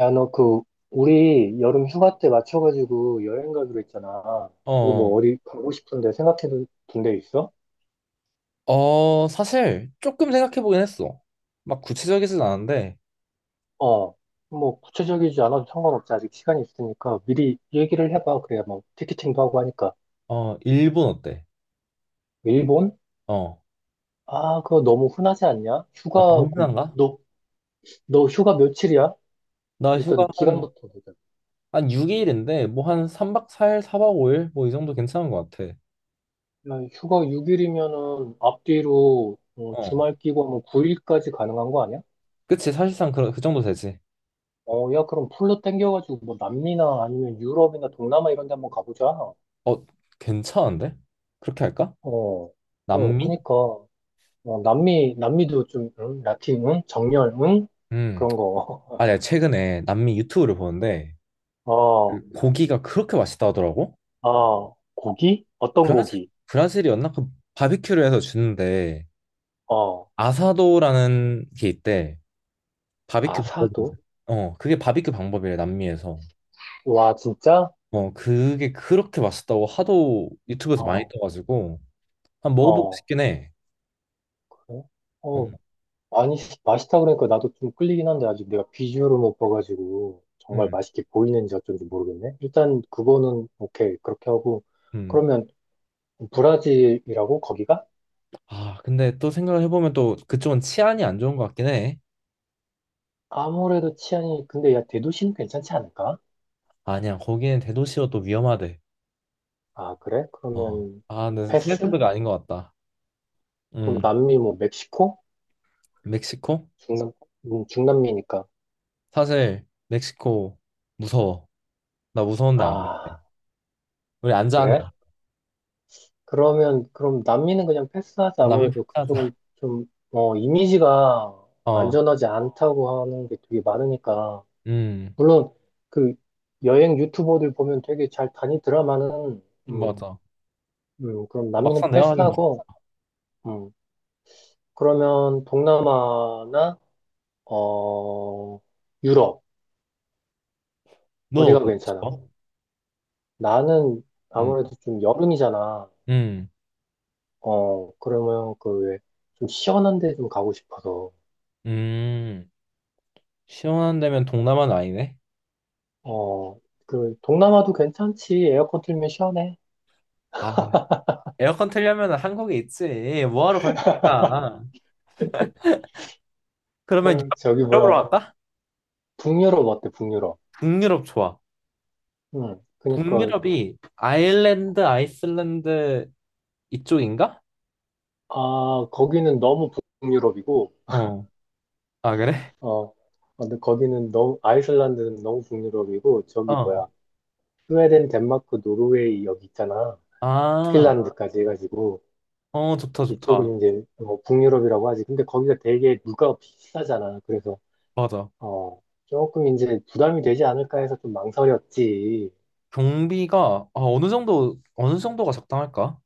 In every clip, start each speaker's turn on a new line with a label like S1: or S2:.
S1: 야, 너 우리 여름 휴가 때 맞춰가지고 여행 가기로 했잖아. 그거 뭐
S2: 어,
S1: 어디 가고 싶은데 생각해 둔 데 있어?
S2: 어, 사실 조금 생각해 보긴 했어. 막 구체적이진 않은데,
S1: 어. 뭐 구체적이지 않아도 상관없지. 아직 시간이 있으니까 미리 얘기를 해봐. 그래야 뭐 티켓팅도 하고 하니까.
S2: 어, 일본 어때?
S1: 일본?
S2: 어,
S1: 아, 그거 너무 흔하지 않냐?
S2: 아,
S1: 휴가,
S2: 동남아인가?
S1: 너 휴가 며칠이야?
S2: 나 휴가
S1: 일단
S2: 한,
S1: 기간부터 보자.
S2: 한 6일인데, 뭐 한 3박 4일, 4박 5일? 뭐 이 정도 괜찮은 것 같아.
S1: 야, 휴가 6일이면은 앞뒤로 어,
S2: 어,
S1: 주말 끼고 뭐 9일까지 가능한 거 아니야?
S2: 그치, 사실상 그 정도 되지.
S1: 어, 야, 그럼 풀로 땡겨가지고, 뭐, 남미나 아니면 유럽이나 동남아 이런 데 한번 가보자. 어,
S2: 어, 괜찮은데? 그렇게 할까?
S1: 어,
S2: 남미?
S1: 그니까. 어, 남미, 남미도 좀, 응? 라틴, 응? 정열, 응?
S2: 음,
S1: 그런
S2: 아,
S1: 거.
S2: 내가 최근에 남미 유튜브를 보는데,
S1: 어,
S2: 그 고기가 그렇게 맛있다 하더라고?
S1: 어, 고기? 어떤
S2: 브라질,
S1: 고기?
S2: 브라질이었나? 그 바비큐를 해서 주는데,
S1: 어,
S2: 아사도라는 게 있대. 바비큐 방법데
S1: 아사도?
S2: 어, 그게 바비큐 방법이래, 남미에서.
S1: 와, 진짜?
S2: 어, 그게 그렇게 맛있다고 하도 유튜브에서 많이
S1: 어,
S2: 떠가지고 한 먹어보고
S1: 어,
S2: 싶긴 해.
S1: 그래?
S2: 어,
S1: 어, 아니, 맛있다 그러니까 나도 좀 끌리긴 한데, 아직 내가 비주얼을 못 봐가지고, 정말
S2: 음,
S1: 맛있게 보이는지 어쩐지 모르겠네. 일단, 그거는, 오케이. 그렇게 하고,
S2: 음.
S1: 그러면, 브라질이라고 거기가?
S2: 아, 근데 또 생각을 해보면 또 그쪽은 치안이 안 좋은 것 같긴 해.
S1: 아무래도 치안이 근데 야 대도시는 괜찮지 않을까?
S2: 아니야, 거기는 대도시여 또 위험하대.
S1: 아 그래?
S2: 어.
S1: 그러면
S2: 아, 근데
S1: 패스?
S2: 생각해보니까 아닌 것 같다.
S1: 그럼
S2: 음,
S1: 남미 뭐 멕시코?
S2: 멕시코?
S1: 중남 중남미니까
S2: 사실 멕시코 무서워. 나 무서운데 안 갈래.
S1: 아
S2: 우리 앉아
S1: 그래?
S2: 앉아.
S1: 그러면 그럼 남미는 그냥 패스하자.
S2: 어, 남미
S1: 아무래도
S2: 피하자.
S1: 그쪽은 좀 어, 이미지가
S2: 어,
S1: 안전하지 않다고 하는 게 되게 많으니까
S2: 음.
S1: 물론 그 여행 유튜버들 보면 되게 잘 다니더라마는 음,
S2: 맞아.
S1: 그럼 남미는
S2: 막상 내가 하긴 무슨
S1: 패스하고 음, 그러면 동남아나 어 유럽
S2: 넌 어디
S1: 어디가
S2: 가고
S1: 괜찮아? 어,
S2: 싶어?
S1: 나는
S2: 음.
S1: 아무래도 좀 여름이잖아.
S2: 음.
S1: 어 그러면 좀 시원한 데 좀 가고 싶어서
S2: 음. 시원한 데면 동남아는 아니네.
S1: 어 동남아도 괜찮지. 에어컨 틀면 시원해.
S2: 아, 에어컨 틀려면 한국에 있지. 뭐하러 거기가? 그러면
S1: 그럼 저기 뭐야
S2: 유럽으로 갈까?
S1: 북유럽 어때? 북유럽.
S2: 동유럽 좋아.
S1: 응. 그러니까
S2: 동유럽이 아일랜드, 아이슬란드 이쪽인가?
S1: 아 거기는 너무 북유럽이고
S2: 어. 아, 그래?
S1: 어 아, 근데 거기는 너무 아이슬란드는 너무 북유럽이고 저기
S2: 어.
S1: 뭐야 스웨덴, 덴마크, 노르웨이 여기 있잖아.
S2: 아,
S1: 핀란드까지 해가지고
S2: 어, 좋다, 좋다.
S1: 이쪽은 이제 뭐 북유럽이라고 하지. 근데 거기가 되게 물가가 비싸잖아. 그래서
S2: 맞아.
S1: 어 조금 이제 부담이 되지 않을까 해서 좀 망설였지.
S2: 경비가 아, 어느 정도가 적당할까?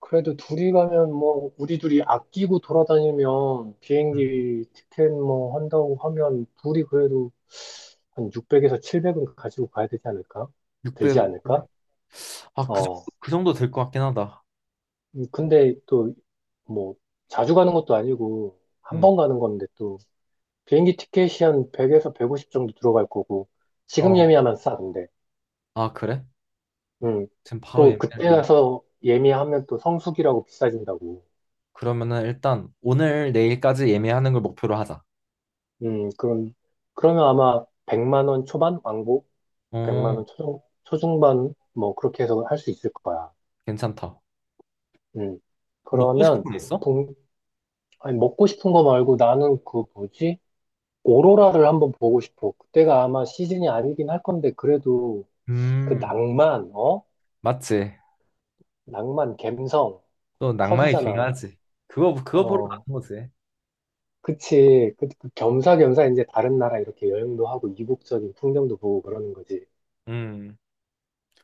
S1: 그래도 둘이 가면 뭐 우리 둘이 아끼고 돌아다니면 비행기 티켓 뭐 한다고 하면 둘이 그래도 한 600에서 700은 가지고 가야 되지 않을까? 들지
S2: 600.
S1: 않을까?
S2: 아, 그,
S1: 어.
S2: 그 정도 될 것 같긴 하다.
S1: 근데 또 뭐 자주 가는 것도 아니고 한
S2: 음.
S1: 번 가는 건데 비행기 티켓이 한 100에서 150 정도 들어갈 거고, 지금
S2: 어.
S1: 예매하면 싸던데.
S2: 아, 그래?
S1: 음.
S2: 지금 바로
S1: 또 그때
S2: 예매를.
S1: 가서 예매하면 또 성수기라고 비싸진다고.
S2: 그러면은 일단 오늘 내일까지 예매하는 걸 목표로 하자.
S1: 음, 그럼, 그러면 아마 100만 원 초반? 왕복? 100만
S2: 어,
S1: 원 초중반? 뭐, 그렇게 해서 할 수 있을 거야.
S2: 괜찮다.
S1: 음.
S2: 먹고 싶은
S1: 그러면,
S2: 거 있어?
S1: 동, 아니, 먹고 싶은 거 말고 나는 그 뭐지? 오로라를 한번 보고 싶어. 그때가 아마 시즌이 아니긴 할 건데, 그래도 그
S2: 음,
S1: 낭만, 어?
S2: 맞지.
S1: 낭만, 감성,
S2: 또 낭만이
S1: 터지잖아.
S2: 중요하지. 그거 그거 보러
S1: 어,
S2: 가는 거지.
S1: 그치. 그 겸사겸사 이제 다른 나라 이렇게 여행도 하고 이국적인 풍경도 보고 그러는 거지.
S2: 음,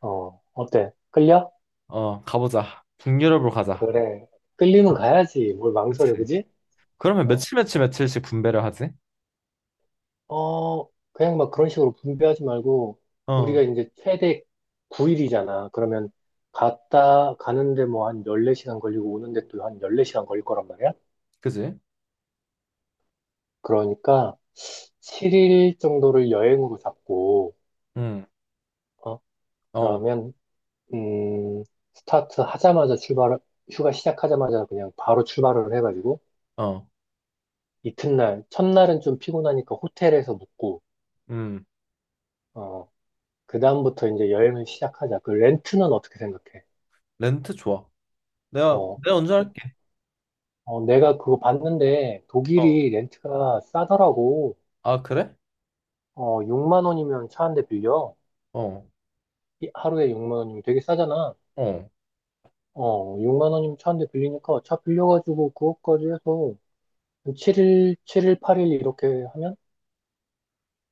S1: 어, 어때? 끌려?
S2: 어, 가보자. 북유럽으로 가자.
S1: 그래. 끌리면
S2: 아,
S1: 가야지. 뭘
S2: 그치.
S1: 망설여, 그지?
S2: 그러면
S1: 어,
S2: 며칠 며칠 며칠씩 분배를 하지?
S1: 어, 그냥 막 그런 식으로 분배하지 말고, 우리가
S2: 어,
S1: 이제 최대 9일이잖아. 그러면 갔다 가는데 뭐 한 14시간 걸리고 오는데 또 한 14시간 걸릴 거란 말이야?
S2: 그지?
S1: 그러니까 7일 정도를 여행으로 잡고,
S2: 음,
S1: 어,
S2: 어,
S1: 그러면 음, 스타트 하자마자 출발, 휴가 시작하자마자 그냥 바로 출발을 해가지고,
S2: 어,
S1: 이튿날, 첫날은 좀 피곤하니까 호텔에서 묵고,
S2: 음,
S1: 어, 그다음부터 이제 여행을 시작하자. 그 렌트는 어떻게 생각해?
S2: 렌트 좋아. 내가
S1: 어,
S2: 내가
S1: 그-
S2: 운전할게.
S1: 어, 내가 그거 봤는데,
S2: 어,
S1: 독일이 렌트가 싸더라고.
S2: 아 그래?
S1: 어, 6만 원이면 차 한 대 빌려.
S2: 어,
S1: 하루에 6만 원이면 되게 싸잖아.
S2: 어,
S1: 어, 6만 원이면 차 한 대 빌리니까 차 빌려가지고 그것까지 해서 7일, 8일 이렇게 하면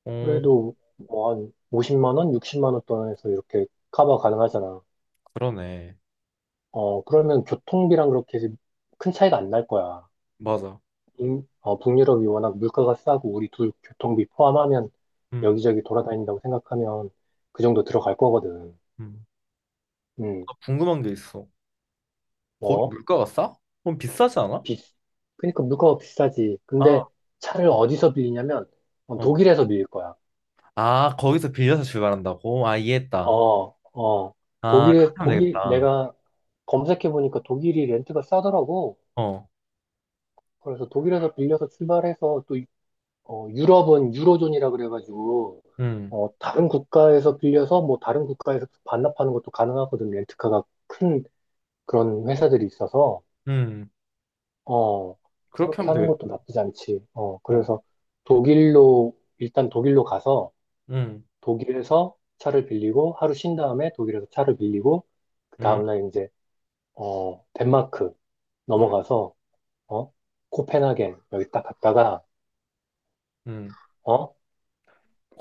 S2: 어,
S1: 그래도 뭐 한 50만 원, 60만 원 돈에서 이렇게 커버 가능하잖아.
S2: 그러네.
S1: 어, 그러면 교통비랑 그렇게 큰 차이가 안 날 거야.
S2: 맞아.
S1: 어, 북유럽이 워낙 물가가 싸고 우리 둘 교통비 포함하면
S2: 음,
S1: 여기저기 돌아다닌다고 생각하면 그 정도 들어갈 거거든.
S2: 음.
S1: 음,
S2: 나 궁금한 게 있어. 거기
S1: 뭐,
S2: 물가가 싸? 그럼 비싸지 않아?
S1: 비, 그러니까 물가가 비싸지. 근데
S2: 아,
S1: 차를 어디서 빌리냐면 어,
S2: 어.
S1: 독일에서 빌릴 거야.
S2: 아, 거기서 빌려서 출발한다고? 아, 이해했다.
S1: 어, 어,
S2: 아, 그렇게 하면
S1: 독일,
S2: 되겠다.
S1: 내가 검색해보니까 독일이 렌트가 싸더라고.
S2: 어,
S1: 그래서 독일에서 빌려서 출발해서 또 어, 유럽은 유로존이라 그래가지고
S2: 음,
S1: 어, 다른 국가에서 빌려서 뭐 다른 국가에서 반납하는 것도 가능하거든. 렌트카가 큰 그런 회사들이 있어서
S2: 음.
S1: 어,
S2: 그렇게
S1: 그렇게
S2: 하면
S1: 하는
S2: 되겠다.
S1: 것도 나쁘지 않지. 어,
S2: 어,
S1: 그래서 독일로 일단 독일로 가서
S2: 음,
S1: 독일에서 차를 빌리고 하루 쉰 다음에 독일에서 차를 빌리고 그
S2: 음,
S1: 다음날 이제 어, 덴마크
S2: 어,
S1: 넘어가서 어, 코펜하겐 여기 딱 갔다가
S2: 음.
S1: 어?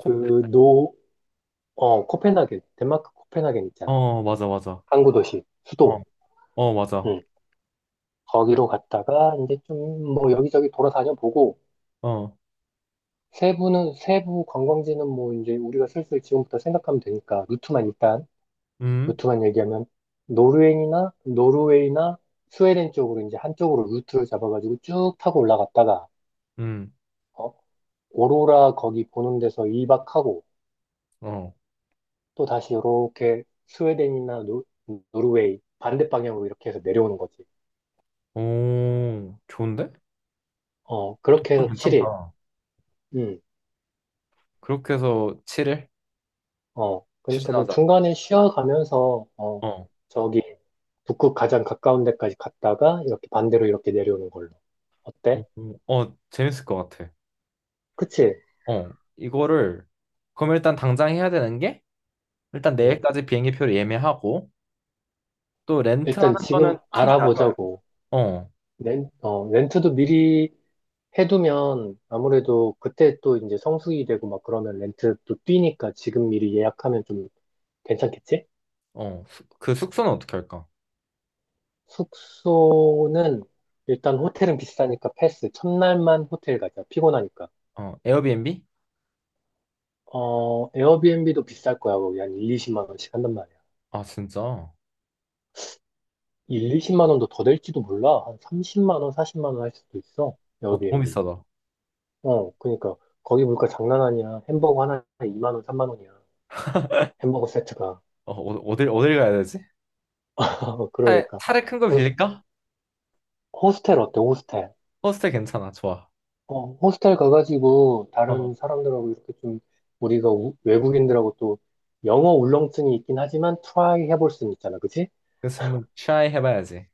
S1: 그 노, 어, 코펜하겐, 덴마크 코펜하겐 있잖아.
S2: 어, 맞아, 맞아.
S1: 항구 도시,
S2: 어,
S1: 수도.
S2: 어, 맞아.
S1: 응. 거기로 갔다가 이제 좀 뭐 여기저기 돌아다녀 보고
S2: 어,
S1: 세부는 세부 관광지는 뭐 이제 우리가 슬슬 지금부터 생각하면 되니까 루트만 일단
S2: 음,
S1: 루트만 얘기하면 노르웨이나 스웨덴 쪽으로 이제 한쪽으로 루트를 잡아가지고 쭉 타고 올라갔다가
S2: 음,
S1: 어? 오로라 거기 보는 데서 이박하고
S2: 어.
S1: 또 다시 이렇게 스웨덴이나 노르웨이 반대 방향으로 이렇게 해서 내려오는 거지.
S2: 오, 좋은데?
S1: 어, 그렇게
S2: 독감
S1: 해서 7일.
S2: 괜찮다.
S1: 음,
S2: 그렇게 해서 7일
S1: 어, 그러니까 뭐
S2: 추진하자.
S1: 중간에 쉬어가면서, 어,
S2: 어,
S1: 저기, 북극 가장 가까운 데까지 갔다가 이렇게 반대로 이렇게 내려오는 걸로.
S2: 어,
S1: 어때?
S2: 어, 어, 재밌을 것 같아.
S1: 그치?
S2: 어, 이거를, 그럼 일단 당장 해야 되는 게, 일단
S1: 음,
S2: 내일까지 비행기표를 예매하고, 또
S1: 일단
S2: 렌트하는
S1: 지금
S2: 거는 천지 나눠요.
S1: 알아보자고.
S2: 어,
S1: 어, 렌트도 미리 해두면 아무래도 그때 또 이제 성수기 되고 막 그러면 렌트도 뛰니까 지금 미리 예약하면 좀 괜찮겠지?
S2: 어, 그 숙소는 어떻게 할까?
S1: 숙소는 일단 호텔은 비싸니까 패스. 첫날만 호텔 가자. 피곤하니까.
S2: 어, 에어비앤비?
S1: 어, 에어비앤비도 비쌀 거야. 거기 한 1, 20만 원씩 한단 말이야.
S2: 아, 진짜. 어,
S1: 1, 20만 원도 더 될지도 몰라. 한 30만 원, 40만 원 할 수도 있어.
S2: 너무
S1: 에어비앤비.
S2: 비싸다. 어,
S1: 어, 그러니까 거기 물가 장난 아니야. 햄버거 하나에 2만 원, 3만 원이야. 햄버거 세트가.
S2: 어딜 가야 되지?
S1: 그러니까.
S2: 차를 큰 거
S1: 그
S2: 빌릴까?
S1: 호스텔 어때? 호스텔.
S2: 호스텔 괜찮아, 좋아.
S1: 어, 호스텔 가가지고
S2: 어,
S1: 다른 사람들하고 이렇게 좀 우리가 외국인들하고 또 영어 울렁증이 있긴 하지만 트라이 해볼 수는 있잖아. 그치?
S2: 그래서 한번 트라이 해봐야지.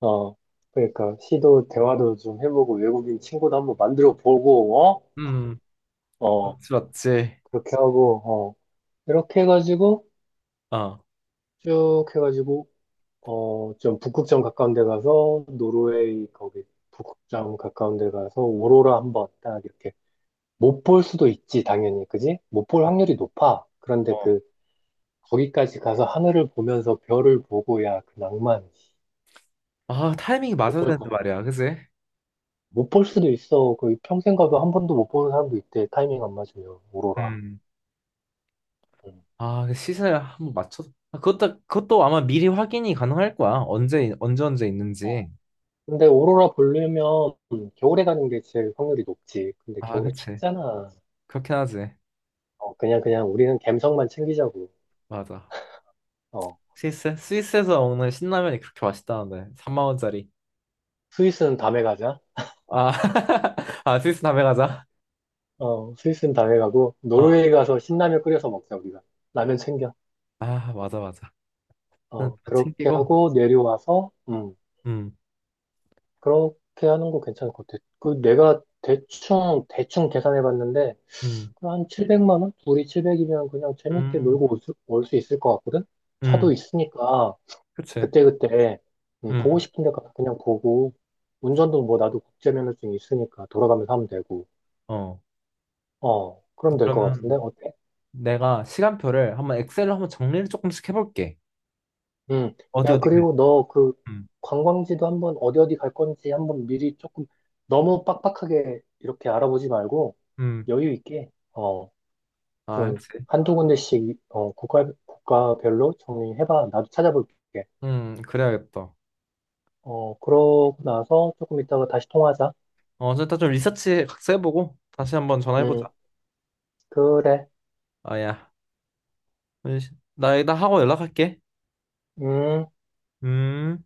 S1: 어, 그러니까 시도 대화도 좀 해보고 외국인 친구도 한번 만들어 보고
S2: 음,
S1: 어, 어
S2: 그렇지, 맞지.
S1: 그렇게 하고 어 이렇게 해가지고
S2: 어, 어.
S1: 쭉 해가지고 어 좀 북극점 가까운 데 가서 노르웨이 거기 북극점 가까운 데 가서 오로라 한번 딱 이렇게 못 볼 수도 있지 당연히 그지? 못 볼 확률이 높아 그런데 그 거기까지 가서 하늘을 보면서 별을 보고 야 그 낭만
S2: 아, 타이밍이 맞아야
S1: 어쩔
S2: 되는데
S1: 거야
S2: 말이야, 그지?
S1: 못 볼 수도 있어. 그 평생 가도 한 번도 못 보는 사람도 있대. 타이밍 안 맞으면 오로라.
S2: 음.
S1: 음.
S2: 아, 그 시세 한번 맞춰. 아, 그것도 아마 미리 확인이 가능할 거야. 언제 언제 언제
S1: 어,
S2: 있는지.
S1: 근데 오로라 보려면 겨울에 가는 게 제일 확률이 높지. 근데
S2: 아,
S1: 겨울에
S2: 그치.
S1: 춥잖아.
S2: 그렇긴 하지.
S1: 어, 그냥 그냥 우리는 갬성만 챙기자고.
S2: 맞아.
S1: 어,
S2: 스위스에서 먹는 신라면이 그렇게 맛있다는데 3만 원짜리.
S1: 스위스는 다음에 가자.
S2: 아, 아 스위스 다배 가자.
S1: 어, 스위스는 다음에 가고
S2: 어.
S1: 노르웨이 가서 신라면 끓여서 먹자 우리가. 라면 챙겨.
S2: 아, 맞아 맞아. 일단
S1: 어, 그렇게
S2: 챙기고.
S1: 하고 내려와서
S2: 음,
S1: 그렇게 하는 거 괜찮을 것 같아. 그 내가 대충, 대충 계산해 봤는데,
S2: 음,
S1: 한 700만 원? 둘이 700이면 그냥 재밌게
S2: 음,
S1: 놀고 올 수 있을 것 같거든?
S2: 음.
S1: 차도 있으니까,
S2: 그치.
S1: 그때그때, 보고
S2: 음,
S1: 싶은 데 가서 그냥 보고, 운전도 뭐 나도 국제면허증이 있으니까 돌아가면서 하면 되고,
S2: 어.
S1: 어, 그럼 될 것 같은데?
S2: 그러면
S1: 어때?
S2: 내가 시간표를 한번 엑셀로 한번 정리를 조금씩 해볼게.
S1: 음,
S2: 어디
S1: 야,
S2: 어디 갈.
S1: 그리고 너 그
S2: 음,
S1: 관광지도 한번 어디 어디 갈 건지 한번 미리 조금 너무 빡빡하게 이렇게 알아보지 말고,
S2: 음.
S1: 여유 있게, 어,
S2: 아,
S1: 좀
S2: 그치.
S1: 한두 군데씩 어, 국가별로 정리해봐. 나도 찾아볼게.
S2: 그래야겠다.
S1: 어, 그러고 나서 조금 이따가 다시 통화하자.
S2: 어, 일단 좀 리서치 각자 해보고 다시 한번 전화해보자.
S1: 음, 그래.
S2: 아야. 나 하고 연락할게.
S1: 음.
S2: 음.